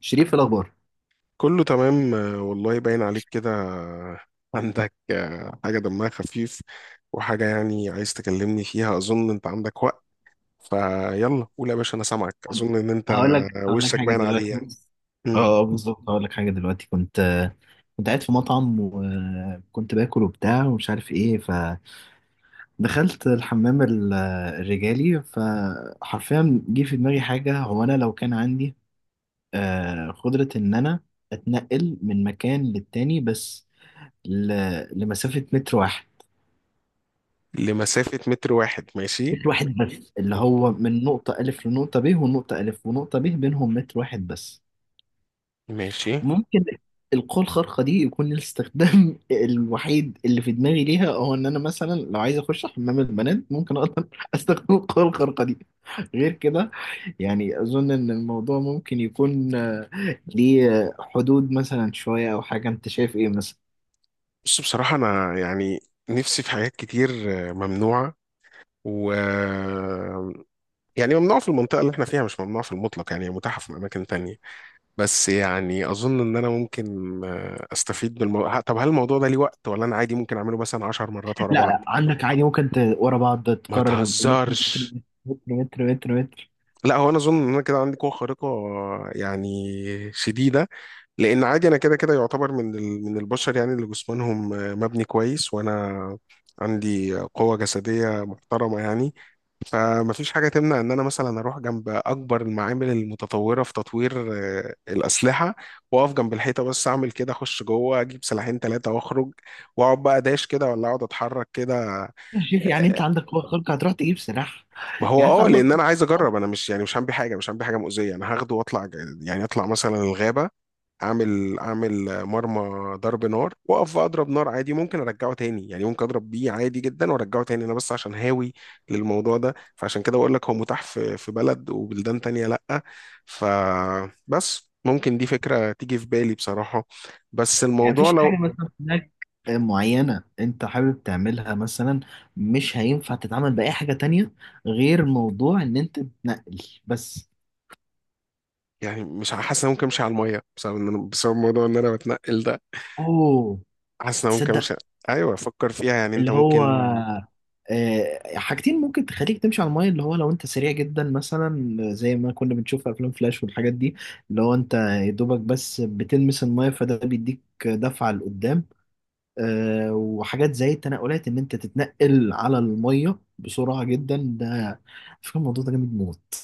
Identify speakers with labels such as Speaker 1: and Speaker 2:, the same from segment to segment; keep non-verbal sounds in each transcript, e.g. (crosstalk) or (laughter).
Speaker 1: شريف في الاخبار.
Speaker 2: كله تمام والله باين عليك كده. عندك حاجة دمها خفيف، وحاجة يعني عايز تكلمني فيها. أظن أنت عندك وقت، فيلا قول يا باشا، أنا سامعك.
Speaker 1: قول.
Speaker 2: أظن إن أنت
Speaker 1: هقول لك
Speaker 2: وشك
Speaker 1: حاجه
Speaker 2: باين
Speaker 1: دلوقتي.
Speaker 2: عليه يعني.
Speaker 1: بص. اه
Speaker 2: مم.
Speaker 1: آه، بالظبط. هقول لك حاجه دلوقتي. كنت قاعد في مطعم وكنت باكل وبتاع ومش عارف ايه. فدخلت الحمام الرجالي. فحرفيا جه في دماغي حاجه، هو انا لو كان عندي قدره ان انا اتنقل من مكان للتاني، بس لمسافه متر واحد.
Speaker 2: لمسافة متر واحد. ماشي.
Speaker 1: متر واحد بس، اللي هو من نقطه الف لنقطه ب، ونقطه الف ونقطه ب بينهم متر واحد بس.
Speaker 2: ماشي.
Speaker 1: ممكن القوة الخارقة دي يكون الاستخدام (laughs) الوحيد اللي في دماغي ليها هو ان انا مثلا لو عايز اخش حمام البنات، ممكن اقدر (laughs) استخدم القوة الخارقة دي. غير كده يعني اظن ان الموضوع ممكن يكون (laughs) ليه حدود مثلا شوية او حاجة. انت شايف ايه مثلا؟
Speaker 2: بص، بصراحة أنا يعني نفسي في حاجات كتير ممنوعة، و يعني ممنوعة في المنطقة اللي احنا فيها، مش ممنوعة في المطلق، يعني متاحة في أماكن تانية. بس يعني اظن ان انا ممكن استفيد بالموضوع. طب هل الموضوع ده ليه وقت، ولا انا عادي ممكن اعمله مثلا 10 مرات ورا
Speaker 1: لا لا،
Speaker 2: بعض؟
Speaker 1: عندك عادي ممكن ورا بعض
Speaker 2: ما
Speaker 1: تكرر متر. متر
Speaker 2: تهزرش.
Speaker 1: متر متر متر متر.
Speaker 2: لا، هو انا اظن ان انا كده عندي قوه خارقه يعني شديده، لان عادي انا كده كده يعتبر من من البشر، يعني اللي جسمانهم مبني كويس، وانا عندي قوه جسديه محترمه يعني. فمفيش حاجة تمنع إن أنا مثلا أروح جنب أكبر المعامل المتطورة في تطوير الأسلحة، وأقف جنب الحيطة، بس أعمل كده، أخش جوه أجيب سلاحين تلاتة وأخرج، وأقعد بقى داش كده، ولا أقعد أتحرك كده.
Speaker 1: شوف، يعني انت
Speaker 2: آه،
Speaker 1: عندك قوة خارقة هتروح تجيب سلاح؟
Speaker 2: ما هو
Speaker 1: يعني انت عندك،
Speaker 2: لأن أنا عايز أجرب، أنا مش يعني مش هعمل حاجة، مش هعمل حاجة مؤذية، أنا هاخده وأطلع يعني أطلع مثلا الغابة، اعمل مرمى ضرب نار، واقف اضرب نار عادي، ممكن ارجعه تاني. يعني ممكن اضرب بيه عادي جدا وارجعه تاني، انا بس عشان هاوي للموضوع ده، فعشان كده بقول لك هو متاح في بلد وبلدان تانية، لا. فبس ممكن دي فكرة تيجي في بالي بصراحة. بس
Speaker 1: يعني
Speaker 2: الموضوع
Speaker 1: مفيش
Speaker 2: لو
Speaker 1: حاجة مثلا هناك معينة انت حابب تعملها مثلا مش هينفع تتعامل بأي حاجة تانية غير موضوع ان انت تنقل بس؟
Speaker 2: يعني، مش حاسس ان أنا ممكن امشي على المية بسبب ان انا موضوع ان انا بتنقل ده.
Speaker 1: اوه.
Speaker 2: حاسس ان أنا ممكن
Speaker 1: تصدق؟
Speaker 2: امشي. ايوه، فكر فيها يعني، انت
Speaker 1: اللي هو
Speaker 2: ممكن
Speaker 1: حاجتين ممكن تخليك تمشي على المايه، اللي هو لو انت سريع جدا مثلا زي ما كنا بنشوف في افلام فلاش والحاجات دي، اللي هو انت يا دوبك بس بتلمس المايه فده بيديك دفعه لقدام. وحاجات زي التنقلات ان انت تتنقل على الميه بسرعه جدا. ده على فكره الموضوع ده جامد موت.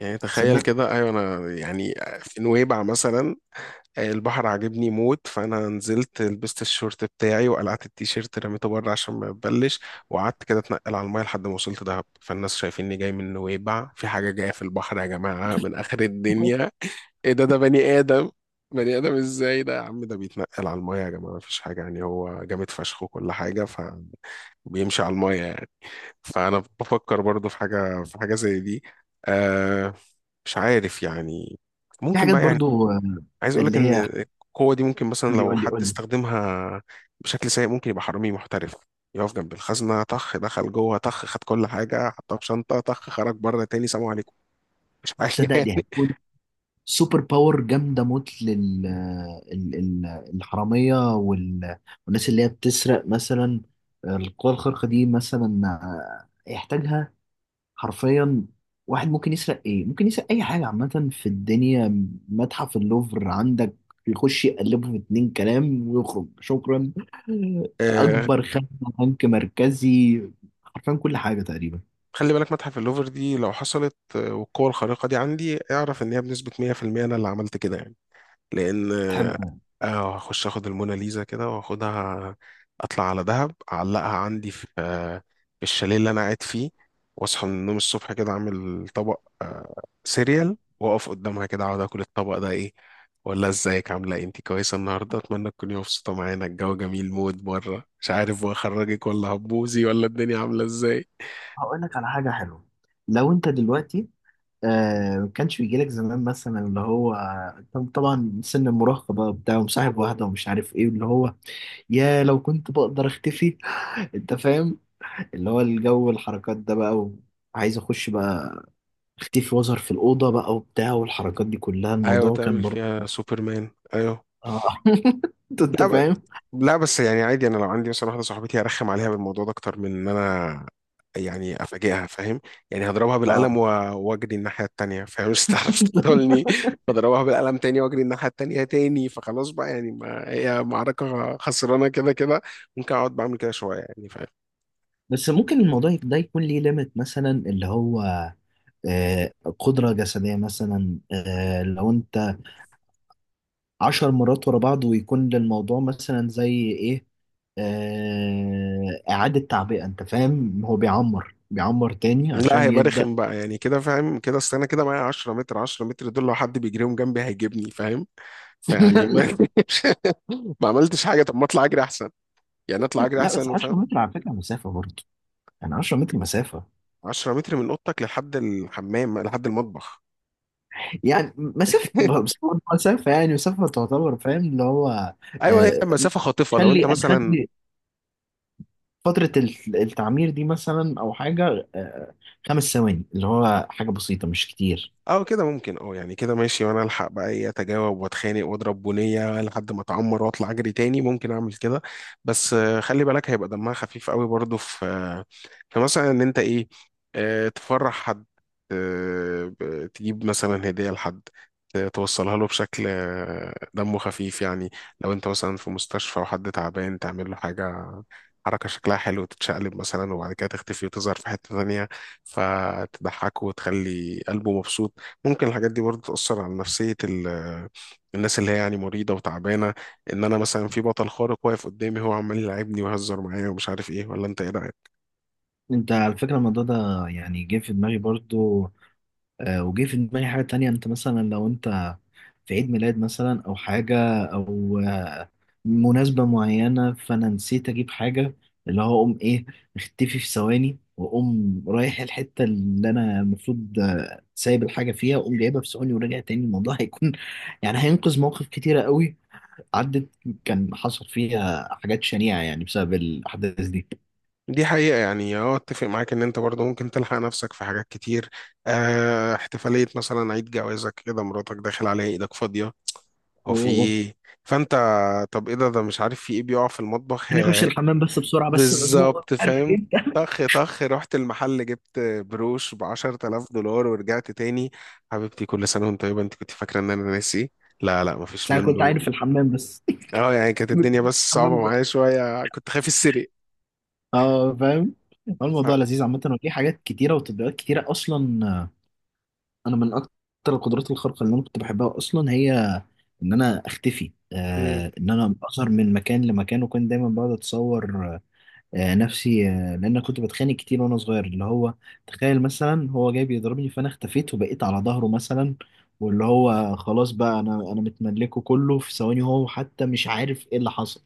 Speaker 2: يعني تخيل
Speaker 1: تصدق؟
Speaker 2: كده. ايوه، انا يعني في نويبع مثلا، البحر عاجبني موت، فانا نزلت لبست الشورت بتاعي وقلعت التيشيرت، رميته بره عشان ما يتبلش، وقعدت كده اتنقل على الميه لحد ما وصلت دهب. فالناس شايفيني جاي من نويبع، في حاجه جايه في البحر يا جماعه من اخر الدنيا، ايه ده بني ادم، بني ادم ازاي ده يا عم؟ ده بيتنقل على المايه يا جماعه، مفيش حاجه يعني، هو جامد فشخ وكل حاجه فبيمشي على المايه يعني. فانا بفكر برضو في حاجه زي دي. آه مش عارف يعني،
Speaker 1: في
Speaker 2: ممكن
Speaker 1: حاجات
Speaker 2: بقى.
Speaker 1: برضو
Speaker 2: عايز اقول لك
Speaker 1: اللي
Speaker 2: ان
Speaker 1: هي،
Speaker 2: القوه دي ممكن مثلا
Speaker 1: قول لي
Speaker 2: لو
Speaker 1: قول لي
Speaker 2: حد
Speaker 1: قول لي.
Speaker 2: استخدمها بشكل سيء، ممكن يبقى حرامي محترف، يقف جنب الخزنه، طخ دخل جوه، طخ خد كل حاجه حطها في شنطه، طخ خرج بره تاني، سلام عليكم، مش حاجه (laughs)
Speaker 1: تصدق دي
Speaker 2: يعني.
Speaker 1: هتكون سوبر باور جامده موت لل الحراميه والناس اللي هي بتسرق مثلا. القوى الخارقه دي مثلا يحتاجها حرفيا. واحد ممكن يسرق ايه؟ ممكن يسرق اي حاجه عامه في الدنيا. متحف اللوفر عندك يخش يقلبه في اتنين كلام ويخرج. شكرا.
Speaker 2: آه
Speaker 1: اكبر خدمه. بنك مركزي. حرفيا كل حاجه تقريبا.
Speaker 2: خلي بالك، متحف اللوفر دي لو حصلت والقوه الخارقه دي عندي، اعرف ان هي بنسبه 100% انا اللي عملت كده يعني. لان
Speaker 1: تحب
Speaker 2: اه هخش اخد الموناليزا كده واخدها، اطلع على دهب، اعلقها عندي في الشاليه اللي انا قاعد فيه، واصحى من النوم الصبح كده، اعمل طبق سيريال، واقف قدامها كده اقعد اكل الطبق، ده ايه، ولا ازيك عامله ايه، انت كويسه النهارده، اتمنى تكوني مبسوطه معانا، الجو جميل، مود بره مش عارف، واخرجك ولا هبوزي، ولا الدنيا عامله ازاي.
Speaker 1: هقول لك على حاجه حلوه؟ لو انت دلوقتي ما كانش بيجي لك زمان مثلا، اللي هو طبعا سن المراهقه بقى، بتاع ومصاحب واحده ومش عارف ايه، اللي هو يا لو كنت بقدر اختفي! (laughs) انت فاهم؟ اللي هو الجو الحركات ده بقى، وعايز اخش بقى اختفي واظهر في الاوضه بقى وبتاع، والحركات دي كلها،
Speaker 2: ايوه
Speaker 1: الموضوع كان
Speaker 2: تعمل
Speaker 1: برضه.
Speaker 2: فيها سوبرمان، ايوه.
Speaker 1: اه. (laughs) انت
Speaker 2: لا،
Speaker 1: فاهم.
Speaker 2: لا، بس يعني عادي، انا لو عندي مثلا واحده صاحبتي هرخم عليها بالموضوع ده اكتر من ان انا يعني افاجئها، فاهم؟ يعني هضربها بالقلم
Speaker 1: اه،
Speaker 2: واجري الناحيه التانيه، فاهم؟ (laughs) مش هتعرف تقتلني، فاضربها بالقلم تاني واجري الناحيه التانيه تاني، فخلاص بقى يعني، ما هي معركه خسرانه كده كده. ممكن اقعد بعمل كده شويه، يعني فاهم.
Speaker 1: بس ممكن الموضوع ده يكون ليه ليميت مثلا، اللي هو آه، قدرة جسدية مثلا، لو انت 10 مرات ورا بعض، ويكون للموضوع مثلا زي ايه، إعادة تعبئة. انت فاهم؟ هو بيعمر بيعمر تاني
Speaker 2: لا،
Speaker 1: عشان
Speaker 2: هيبقى
Speaker 1: يبدأ.
Speaker 2: رخم بقى يعني كده، فاهم كده، اصل انا كده معايا 10 متر، 10 متر دول لو حد بيجريهم جنبي هيجيبني، فاهم.
Speaker 1: (laughs)
Speaker 2: فيعني
Speaker 1: لا
Speaker 2: ما (laughs) ما عملتش حاجه، طب ما اطلع اجري احسن، يعني اطلع اجري
Speaker 1: لا، بس
Speaker 2: احسن.
Speaker 1: 10 متر على فكرة مسافة برضه. يعني 10 متر مسافة.
Speaker 2: 10 متر من اوضتك لحد الحمام لحد المطبخ.
Speaker 1: يعني مسافة،
Speaker 2: (laughs)
Speaker 1: بس برضه مسافة، يعني مسافة تعتبر، فاهم؟ اللي هو
Speaker 2: ايوه، هي
Speaker 1: آه،
Speaker 2: مسافه خاطفه لو انت
Speaker 1: خلي أنا
Speaker 2: مثلا.
Speaker 1: خدت فترة التعمير دي مثلا أو حاجة، 5 ثواني، اللي هو حاجة بسيطة مش كتير.
Speaker 2: اه كده ممكن، يعني كده ماشي، وانا الحق بقى ايه، اتجاوب واتخانق واضرب بنيه لحد ما اتعمر، واطلع اجري تاني، ممكن اعمل كده. بس خلي بالك، هيبقى دمها خفيف قوي برضو، في في مثلا ان انت ايه، تفرح حد، تجيب مثلا هديه لحد، توصلها له بشكل دمه خفيف يعني. لو انت مثلا في مستشفى وحد تعبان، تعمل له حاجه، حركة شكلها حلو، تتشقلب مثلا وبعد كده تختفي وتظهر في حتة تانية، فتضحكه وتخلي قلبه مبسوط. ممكن الحاجات دي برضه تأثر على نفسية الناس اللي هي يعني مريضة وتعبانة، إن أنا مثلا في بطل خارق واقف قدامي هو عمال يلعبني ويهزر معايا ومش عارف إيه، ولا أنت إيه رأيك؟
Speaker 1: أنت على فكرة الموضوع ده يعني جه في دماغي برضه. وجه في دماغي حاجة تانية. انت مثلا لو انت في عيد ميلاد مثلا او حاجة، او مناسبة معينة، فانا نسيت اجيب حاجة. اللي هو اقوم ايه، اختفي في ثواني واقوم رايح الحتة اللي انا المفروض سايب الحاجة فيها، واقوم جايبها في ثواني وراجع تاني. الموضوع هيكون (laughs) يعني هينقذ مواقف كتيرة قوي. عدت، كان حصل فيها حاجات شنيعة يعني بسبب الاحداث دي.
Speaker 2: دي حقيقة، يعني أتفق معاك إن أنت برضه ممكن تلحق نفسك في حاجات كتير. احتفالية مثلا عيد جوازك كده، مراتك داخل عليها إيدك فاضية، هو في
Speaker 1: و-
Speaker 2: إيه؟ فأنت، طب إيه ده؟ مش عارف في إيه بيقع في المطبخ
Speaker 1: انا اخش
Speaker 2: هي.
Speaker 1: الحمام بس بسرعة، بس مزنوق،
Speaker 2: بالظبط
Speaker 1: عارف
Speaker 2: فاهم.
Speaker 1: ايه؟ (laughs)
Speaker 2: طخ طخ، رحت المحل جبت بروش ب 10,000 دولار ورجعت تاني. حبيبتي كل سنة وانت طيبة، انت كنت فاكرة ان انا ناسي؟ لا، لا،
Speaker 1: بس
Speaker 2: مفيش
Speaker 1: انا كنت
Speaker 2: منه.
Speaker 1: عارف الحمام بس.
Speaker 2: اه يعني كانت الدنيا بس
Speaker 1: حمام
Speaker 2: صعبة
Speaker 1: جوه.
Speaker 2: معايا شوية، كنت خايف السرق.
Speaker 1: اه فاهم. هو
Speaker 2: ف...
Speaker 1: الموضوع لذيذ عامة، وفي حاجات كتيرة وتطبيقات كتيرة أصلا. أنا من أكتر القدرات الخارقة اللي أنا كنت بحبها أصلا هي إن أنا أختفي.
Speaker 2: مم.
Speaker 1: إن أنا أظهر من مكان لمكان. وكنت دايما بقعد أتصور نفسي، لان أنا كنت بتخانق كتير وانا صغير. اللي هو تخيل مثلا هو جاي بيضربني فانا اختفيت وبقيت على ظهره مثلا، واللي هو خلاص بقى، انا متملكه كله في ثواني، هو حتى مش عارف ايه اللي حصل.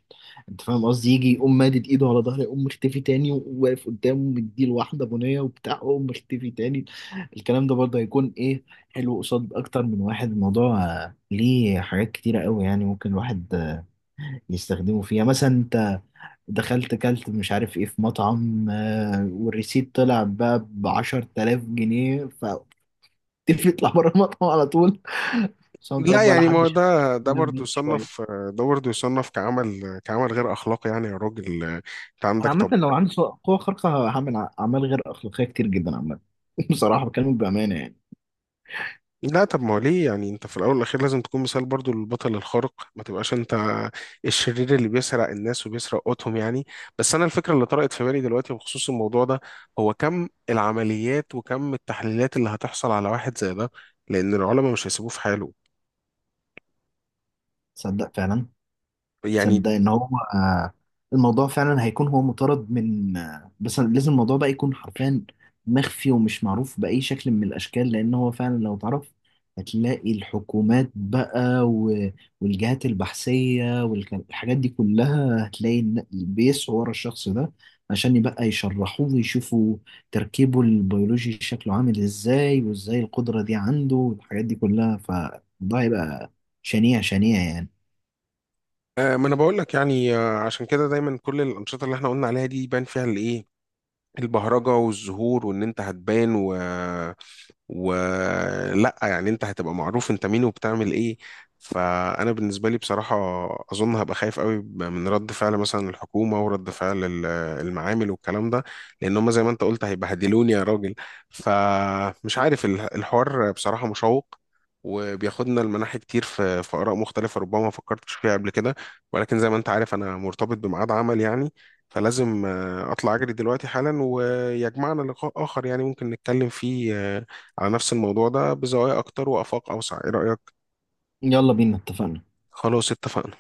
Speaker 1: انت فاهم قصدي؟ يجي يقوم مادد ايده على ظهري يقوم مختفي تاني وواقف قدامه مديله واحده بنيه وبتاع يقوم مختفي تاني. الكلام ده برضه هيكون ايه، حلو قصاد اكتر من واحد. الموضوع ليه حاجات كتيره قوي، يعني ممكن الواحد يستخدموا فيها. مثلا انت دخلت كلت مش عارف ايه في مطعم والريسيت طلع بقى ب 10000 جنيه، فتقفل يطلع (laughs) بره المطعم على طول، سواء
Speaker 2: لا،
Speaker 1: طيب ولا
Speaker 2: يعني ما
Speaker 1: حد
Speaker 2: هو
Speaker 1: شاف
Speaker 2: ده برضه
Speaker 1: مني شويه.
Speaker 2: يصنف، ده برضه يصنف كعمل غير اخلاقي. يعني يا راجل انت
Speaker 1: انا
Speaker 2: عندك.
Speaker 1: عامه لو عندي قوه خارقه هعمل اعمال غير اخلاقيه كتير جدا عامه. (laughs) بصراحه بكلمك بامانه يعني.
Speaker 2: لا، طب ما هو ليه، يعني انت في الاول والاخير لازم تكون مثال برضو للبطل الخارق، ما تبقاش انت الشرير اللي بيسرق الناس وبيسرق قوتهم يعني. بس انا الفكره اللي طرقت في بالي دلوقتي بخصوص الموضوع ده، هو كم العمليات وكم التحليلات اللي هتحصل على واحد زي ده، لان العلماء مش هيسيبوه في حاله
Speaker 1: تصدق فعلا.
Speaker 2: يعني.
Speaker 1: تصدق ان هو آه، الموضوع فعلا هيكون هو مطارد من، بس لازم الموضوع ده يكون حرفيا مخفي ومش معروف بأي شكل من الأشكال. لأن هو فعلا لو تعرف هتلاقي الحكومات بقى والجهات البحثية والحاجات دي كلها، هتلاقي إن بيسعوا ورا الشخص ده عشان يبقى يشرحوه ويشوفوا تركيبه البيولوجي شكله عامل ازاي، وازاي القدرة دي عنده والحاجات دي كلها. فالموضوع هيبقى شنيع شنيع يعني.
Speaker 2: ما انا بقول لك يعني، عشان كده دايما كل الانشطه اللي احنا قلنا عليها دي يبان فيها الايه، البهرجه والزهور، وان انت هتبان ولا يعني انت هتبقى معروف انت مين وبتعمل ايه. فانا بالنسبه لي بصراحه، اظن هبقى خايف قوي من رد فعل مثلا الحكومه ورد فعل المعامل والكلام ده، لان هم زي ما انت قلت هيبهدلوني يا راجل. فمش عارف الحوار بصراحه مشوق، وبياخدنا لمناحي كتير في آراء مختلفة ربما ما فكرتش فيها قبل كده. ولكن زي ما أنت عارف أنا مرتبط بميعاد عمل يعني، فلازم أطلع أجري دلوقتي حالا، ويجمعنا لقاء آخر يعني، ممكن نتكلم فيه على نفس الموضوع ده بزوايا أكتر وآفاق أوسع، إيه رأيك؟
Speaker 1: يلا بينا، اتفقنا.
Speaker 2: خلاص اتفقنا.